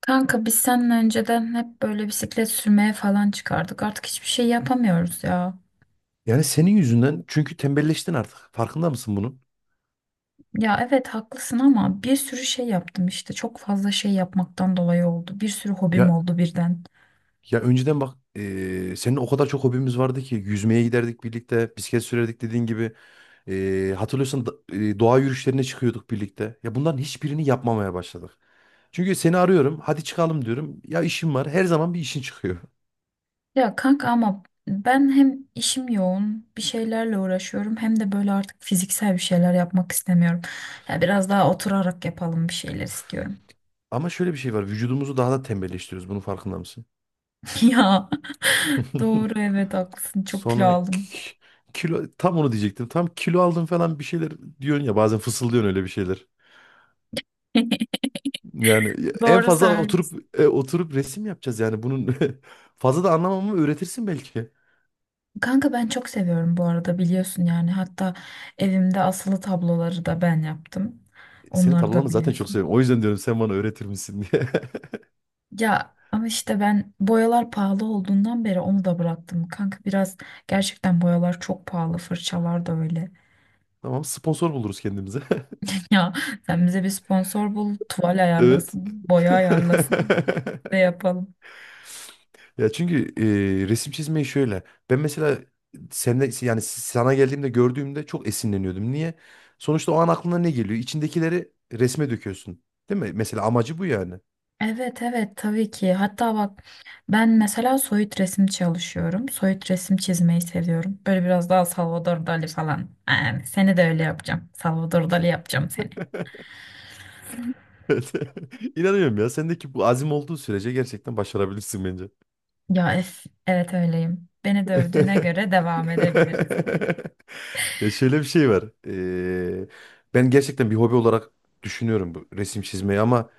Kanka biz seninle önceden hep böyle bisiklet sürmeye falan çıkardık. Artık hiçbir şey yapamıyoruz ya. Yani senin yüzünden çünkü tembelleştin artık. Farkında mısın bunun? Ya evet haklısın ama bir sürü şey yaptım işte. Çok fazla şey yapmaktan dolayı oldu. Bir sürü hobim Ya oldu birden. ya önceden bak senin o kadar çok hobimiz vardı ki yüzmeye giderdik birlikte, bisiklet sürerdik dediğin gibi. Doğa yürüyüşlerine çıkıyorduk birlikte. Ya bunların hiçbirini yapmamaya başladık. Çünkü seni arıyorum, hadi çıkalım diyorum. Ya işim var. Her zaman bir işin çıkıyor. Ya kanka ama ben hem işim yoğun, bir şeylerle uğraşıyorum hem de böyle artık fiziksel bir şeyler yapmak istemiyorum. Ya biraz daha oturarak yapalım bir şeyler istiyorum. Ama şöyle bir şey var. Vücudumuzu daha da tembelleştiriyoruz. Bunun farkında mısın? Ya doğru, evet, haklısın. Çok kilo Sonra aldım. ki- kilo tam onu diyecektim. Tam kilo aldım falan bir şeyler diyorsun ya bazen fısıldıyorsun öyle bir şeyler. Yani en Doğru fazla söylüyorsun. oturup oturup resim yapacağız yani bunun fazla da anlamamı öğretirsin belki. Kanka ben çok seviyorum bu arada, biliyorsun yani. Hatta evimde asılı tabloları da ben yaptım. Senin Onları da tablolarını zaten çok biliyorsun. seviyorum. O yüzden diyorum sen bana öğretir misin diye. Ya ama işte ben boyalar pahalı olduğundan beri onu da bıraktım. Kanka biraz gerçekten boyalar çok pahalı. Fırçalar da öyle. Tamam sponsor buluruz kendimize. Ya sen bize bir sponsor bul, tuval Evet. ayarlasın, boya ayarlasın ve yapalım. Ya çünkü resim çizmeyi şöyle. Ben mesela seninle yani sana geldiğimde gördüğümde çok esinleniyordum. Niye? Sonuçta o an aklına ne geliyor? İçindekileri resme döküyorsun. Değil mi? Mesela amacı bu yani. Evet evet, tabii ki. Hatta bak ben mesela soyut resim çalışıyorum. Soyut resim çizmeyi seviyorum. Böyle biraz daha Salvador Dali falan. Yani seni de öyle yapacağım. Salvador Dali yapacağım seni. Evet. İnanıyorum ya. Sendeki bu azim olduğu sürece gerçekten başarabilirsin bence. Ya evet, öyleyim. Beni dövdüğüne göre devam edebiliriz. Ya şöyle bir şey var. Ben gerçekten bir hobi olarak düşünüyorum bu resim çizmeyi ama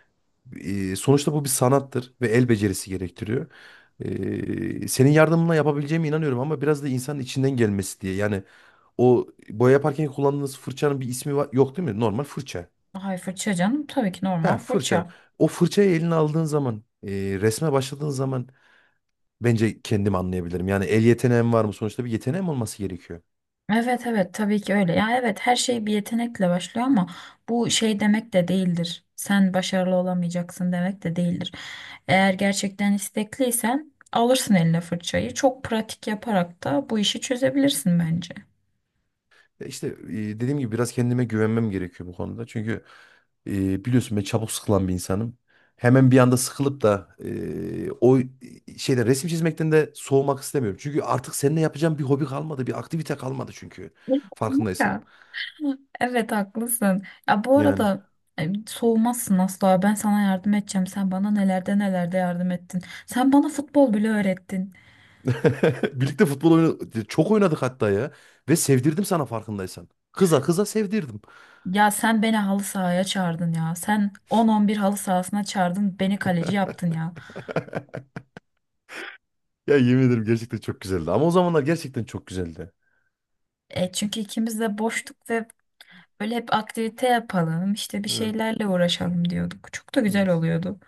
sonuçta bu bir sanattır ve el becerisi gerektiriyor. Senin yardımına yapabileceğime inanıyorum ama biraz da insanın içinden gelmesi diye. Yani o boya yaparken kullandığınız fırçanın bir ismi var, yok değil mi? Normal fırça. Ay fırça canım, tabii ki normal He fırça. fırça. O fırçayı eline aldığın zaman, resme başladığın zaman bence kendim anlayabilirim. Yani el yeteneğim var mı? Sonuçta bir yeteneğim olması gerekiyor. Evet evet, tabii ki öyle. Ya evet, her şey bir yetenekle başlıyor ama bu şey demek de değildir. Sen başarılı olamayacaksın demek de değildir. Eğer gerçekten istekliysen alırsın eline fırçayı. Çok pratik yaparak da bu işi çözebilirsin bence. Ya İşte dediğim gibi biraz kendime güvenmem gerekiyor bu konuda. Çünkü biliyorsun ben çabuk sıkılan bir insanım. Hemen bir anda sıkılıp da o şeyde resim çizmekten de soğumak istemiyorum. Çünkü artık seninle yapacağım bir hobi kalmadı, bir aktivite kalmadı çünkü. Farkındaysan. Ya. Evet haklısın. Ya bu Yani. arada soğumazsın asla. Ben sana yardım edeceğim. Sen bana nelerde yardım ettin. Sen bana futbol bile öğrettin. Birlikte futbol oynadık. Çok oynadık hatta ya. Ve sevdirdim sana farkındaysan. Kıza kıza sevdirdim. Ya sen beni halı sahaya çağırdın ya. Sen 10-11 halı sahasına çağırdın. Beni kaleci yaptın ya. Ya yemin ederim gerçekten çok güzeldi. Ama o zamanlar gerçekten çok güzeldi. Çünkü ikimiz de boştuk ve böyle hep aktivite yapalım, işte bir Evet, şeylerle uğraşalım diyorduk. Çok da güzel evet. oluyordu.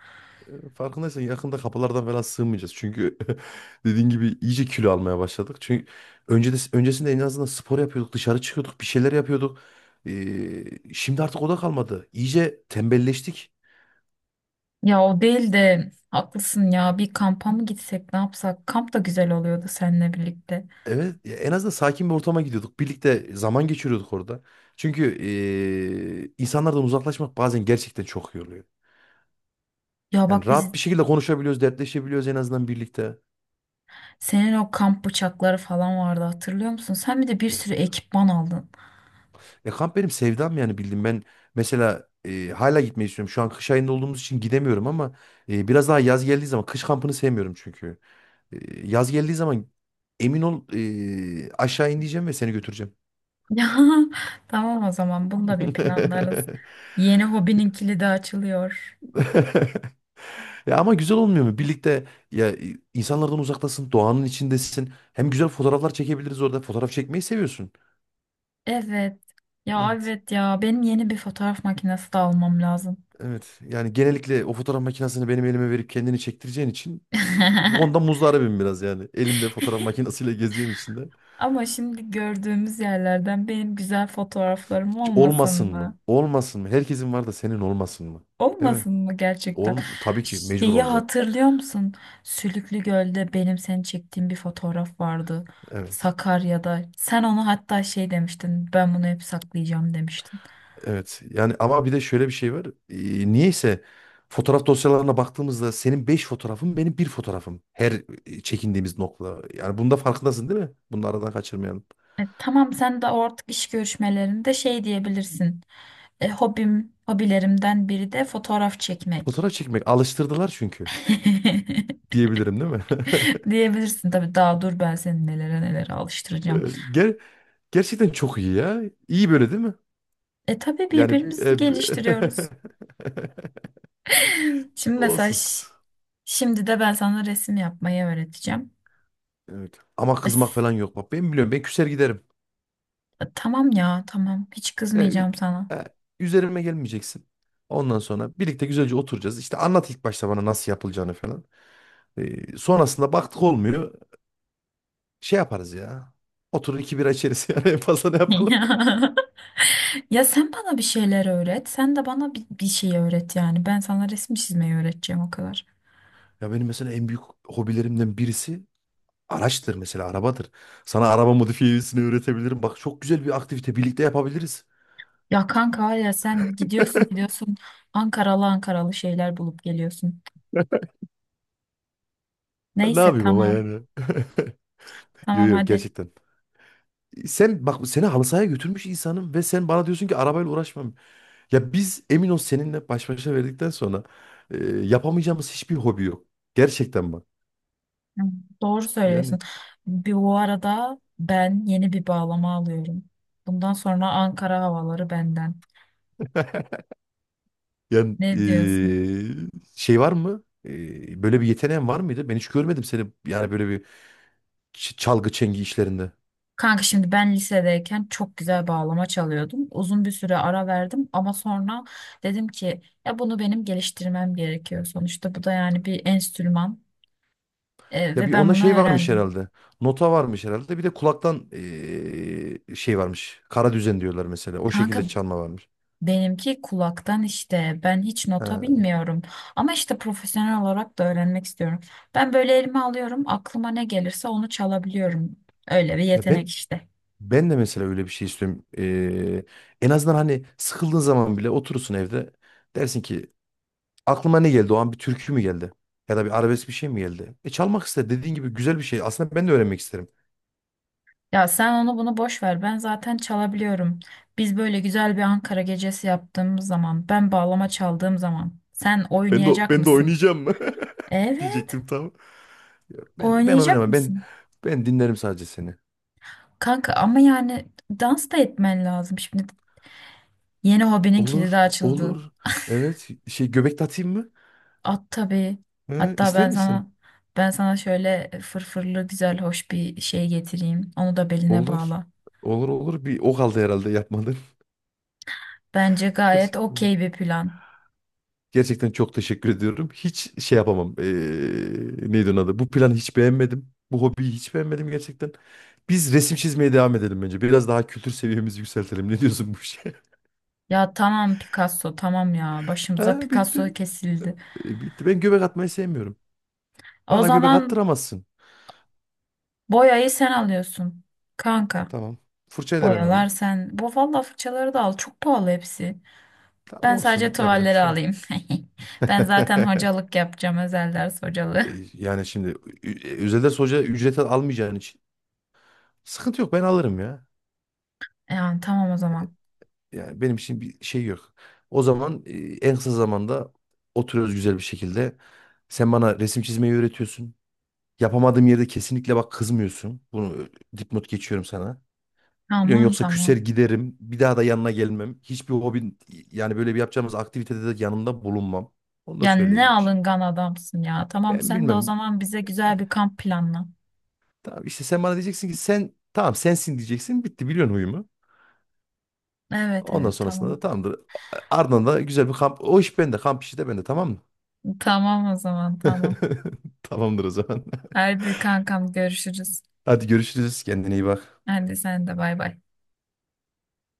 Farkındaysan yakında kapılardan falan sığmayacağız. Çünkü dediğin gibi iyice kilo almaya başladık. Çünkü önce de, öncesinde en azından spor yapıyorduk, dışarı çıkıyorduk, bir şeyler yapıyorduk. Şimdi artık o da kalmadı. İyice tembelleştik. Ya o değil de haklısın ya. Bir kampa mı gitsek, ne yapsak? Kamp da güzel oluyordu seninle birlikte. Evet, ya en azından sakin bir ortama gidiyorduk. Birlikte zaman geçiriyorduk orada. Çünkü insanlardan uzaklaşmak bazen gerçekten çok iyi oluyor. Ya Yani bak biz rahat bir şekilde konuşabiliyoruz, dertleşebiliyoruz en azından birlikte. Senin o kamp bıçakları falan vardı, hatırlıyor musun? Sen bir de bir sürü Eh. ekipman aldın. E kamp benim sevdam yani bildim ben mesela hala gitmeyi istiyorum. Şu an kış ayında olduğumuz için gidemiyorum ama biraz daha yaz geldiği zaman kış kampını sevmiyorum çünkü. Yaz geldiği zaman emin ol aşağı ineceğim ve seni götüreceğim. Ya tamam, o zaman bunu da bir planlarız. Yeni hobinin kilidi açılıyor. Ya ama güzel olmuyor mu? Birlikte ya insanlardan uzaktasın, doğanın içindesin. Hem güzel fotoğraflar çekebiliriz orada. Fotoğraf çekmeyi seviyorsun. Evet. Ya Evet. evet ya, benim yeni bir fotoğraf makinesi de almam lazım. Evet. Yani genellikle o fotoğraf makinesini benim elime verip kendini çektireceğin için Honda muzdaribim biraz yani. Elimde fotoğraf makinesiyle gezdiğim için de. Ama şimdi gördüğümüz yerlerden benim güzel fotoğraflarım Hiç olmasın olmasın mı? mı? Olmasın mı? Herkesin var da senin olmasın mı? Değil mi? Olmasın mı gerçekten? Ol tabii ki mecbur Şeyi olacak. hatırlıyor musun? Sülüklü Göl'de benim seni çektiğim bir fotoğraf vardı. Evet. Sakarya'da. Sen onu hatta şey demiştin. Ben bunu hep saklayacağım demiştin. Evet. Yani ama bir de şöyle bir şey var. Niyeyse fotoğraf dosyalarına baktığımızda senin 5 fotoğrafın benim bir fotoğrafım. Her çekindiğimiz nokta. Yani bunda farkındasın değil mi? Bunu aradan kaçırmayalım. Tamam, sen de artık iş görüşmelerinde şey diyebilirsin. Hobim, hobilerimden biri de fotoğraf çekmek. Fotoğraf çekmek alıştırdılar çünkü diyebilirim değil mi? Diyebilirsin tabii, daha dur ben seni nelere Ee, alıştıracağım. ger- gerçekten çok iyi ya. İyi böyle değil mi? E tabii, Yani birbirimizi geliştiriyoruz. Şimdi olsun. mesaj Şimdi de ben sana resim yapmayı öğreteceğim. Evet. Ama kızmak Es- falan yok. Bak ben biliyorum. Ben küser giderim. Tamam ya, tamam. Hiç E, ü- kızmayacağım sana. e, üzerime gelmeyeceksin. Ondan sonra birlikte güzelce oturacağız. İşte anlat ilk başta bana nasıl yapılacağını falan. Sonrasında baktık olmuyor. Şey yaparız ya. Oturur iki bira içeriz yani en fazla ne yapalım? Ya Ya, sen bana bir şeyler öğret. Sen de bana bir şey öğret yani. Ben sana resim çizmeyi öğreteceğim o kadar. Ya benim mesela en büyük hobilerimden birisi araçtır mesela arabadır. Sana araba modifiyesini öğretebilirim. Bak çok güzel bir aktivite birlikte yapabiliriz. Ya kanka var ya, sen gidiyorsun Ankaralı Ankaralı şeyler bulup geliyorsun. Ne Neyse, yapayım ama tamam. yani. Yo Tamam yo hadi. gerçekten. Sen bak seni halı sahaya götürmüş insanım ve sen bana diyorsun ki arabayla uğraşmam. Ya biz emin ol seninle baş başa verdikten sonra yapamayacağımız hiçbir hobi yok. Gerçekten bak. Hı, Doğru söylüyorsun. Yani Bir, bu arada ben yeni bir bağlama alıyorum. Bundan sonra Ankara havaları benden. yani Ne diyorsun? Şey var mı? Böyle bir yeteneğin var mıydı? Ben hiç görmedim seni yani böyle bir çalgı çengi işlerinde. Kanka şimdi ben lisedeyken çok güzel bağlama çalıyordum. Uzun bir süre ara verdim ama sonra dedim ki ya, bunu benim geliştirmem gerekiyor. Sonuçta bu da yani bir enstrüman Ya ve bir ben onda bunu şey varmış öğrendim. herhalde. Nota varmış herhalde. Bir de kulaktan şey varmış. Kara düzen diyorlar mesela. O şekilde Kanka, çalma varmış. benimki kulaktan işte. Ben hiç nota Ha. bilmiyorum. Ama işte profesyonel olarak da öğrenmek istiyorum. Ben böyle elime alıyorum. Aklıma ne gelirse onu çalabiliyorum. Öyle bir Ya yetenek ben işte. ben de mesela öyle bir şey istiyorum. En azından hani sıkıldığın zaman bile oturursun evde. Dersin ki aklıma ne geldi? O an bir türkü mü geldi? Ya da bir arabesk bir şey mi geldi? E çalmak ister. Dediğin gibi güzel bir şey. Aslında ben de öğrenmek isterim. Ya sen onu bunu boş ver. Ben zaten çalabiliyorum. Biz böyle güzel bir Ankara gecesi yaptığımız zaman, ben bağlama çaldığım zaman sen Ben de oynayacak ben de mısın? oynayacağım mı? Evet, diyecektim tam. Ya ben oynayacak oynamam. Ben mısın? ben dinlerim sadece seni. Kanka ama yani dans da etmen lazım. Şimdi yeni hobinin kilidi Olur, açıldı. olur. Evet, şey göbek de atayım mı? At tabii. He, Hatta ister ben misin? sana ben sana şöyle fırfırlı güzel hoş bir şey getireyim. Onu da beline Olur. bağla. Olur olur. Bir o kaldı herhalde yapmadın. Bence gayet Gerçekten okey bir plan. gerçekten çok teşekkür ediyorum. Hiç şey yapamam. Neydi onun adı? Bu planı hiç beğenmedim. Bu hobiyi hiç beğenmedim gerçekten. Biz resim çizmeye devam edelim bence. Biraz daha kültür seviyemizi yükseltelim. Ne diyorsun bu işe? Ya tamam Picasso, tamam ya, başımıza Ha, bitti. Picasso kesildi. Bitti. Ben göbek atmayı sevmiyorum. O Bana göbek zaman attıramazsın. boyayı sen alıyorsun. Kanka Tamam. Fırçayı da ben boyalar alayım. sen. Bu valla, fırçaları da al, çok pahalı hepsi. Tamam Ben sadece olsun. Yapacak bir tuvalleri şey alayım. Ben zaten yok. hocalık yapacağım. Özel ders hocalığı. E, Yani şimdi Özel ders hoca ücret almayacağın için sıkıntı yok ben alırım ya. Yani tamam o zaman. Yani benim için bir şey yok. O zaman en kısa zamanda oturuyoruz güzel bir şekilde. Sen bana resim çizmeyi öğretiyorsun. Yapamadığım yerde kesinlikle bak kızmıyorsun. Bunu dipnot geçiyorum sana. Biliyorsun Tamam yoksa küser tamam. giderim. Bir daha da yanına gelmem. Hiçbir hobin yani böyle bir yapacağımız aktivitede de yanında bulunmam. Onu da Ya ne söyleyeyim. alıngan adamsın ya. Tamam, Ben sen de o bilmem. zaman bize güzel bir kamp planla. Tamam işte sen bana diyeceksin ki sen tamam sensin diyeceksin. Bitti biliyorsun huyumu. Evet Ondan evet, sonrasında da tamam. tamamdır. Ardından da güzel bir kamp. O iş bende. Kamp işi de bende tamam mı? Tamam o zaman, tamam. Tamamdır o zaman. Hadi kankam, görüşürüz. Hadi görüşürüz. Kendine iyi bak. Hadi sen de, bay bay.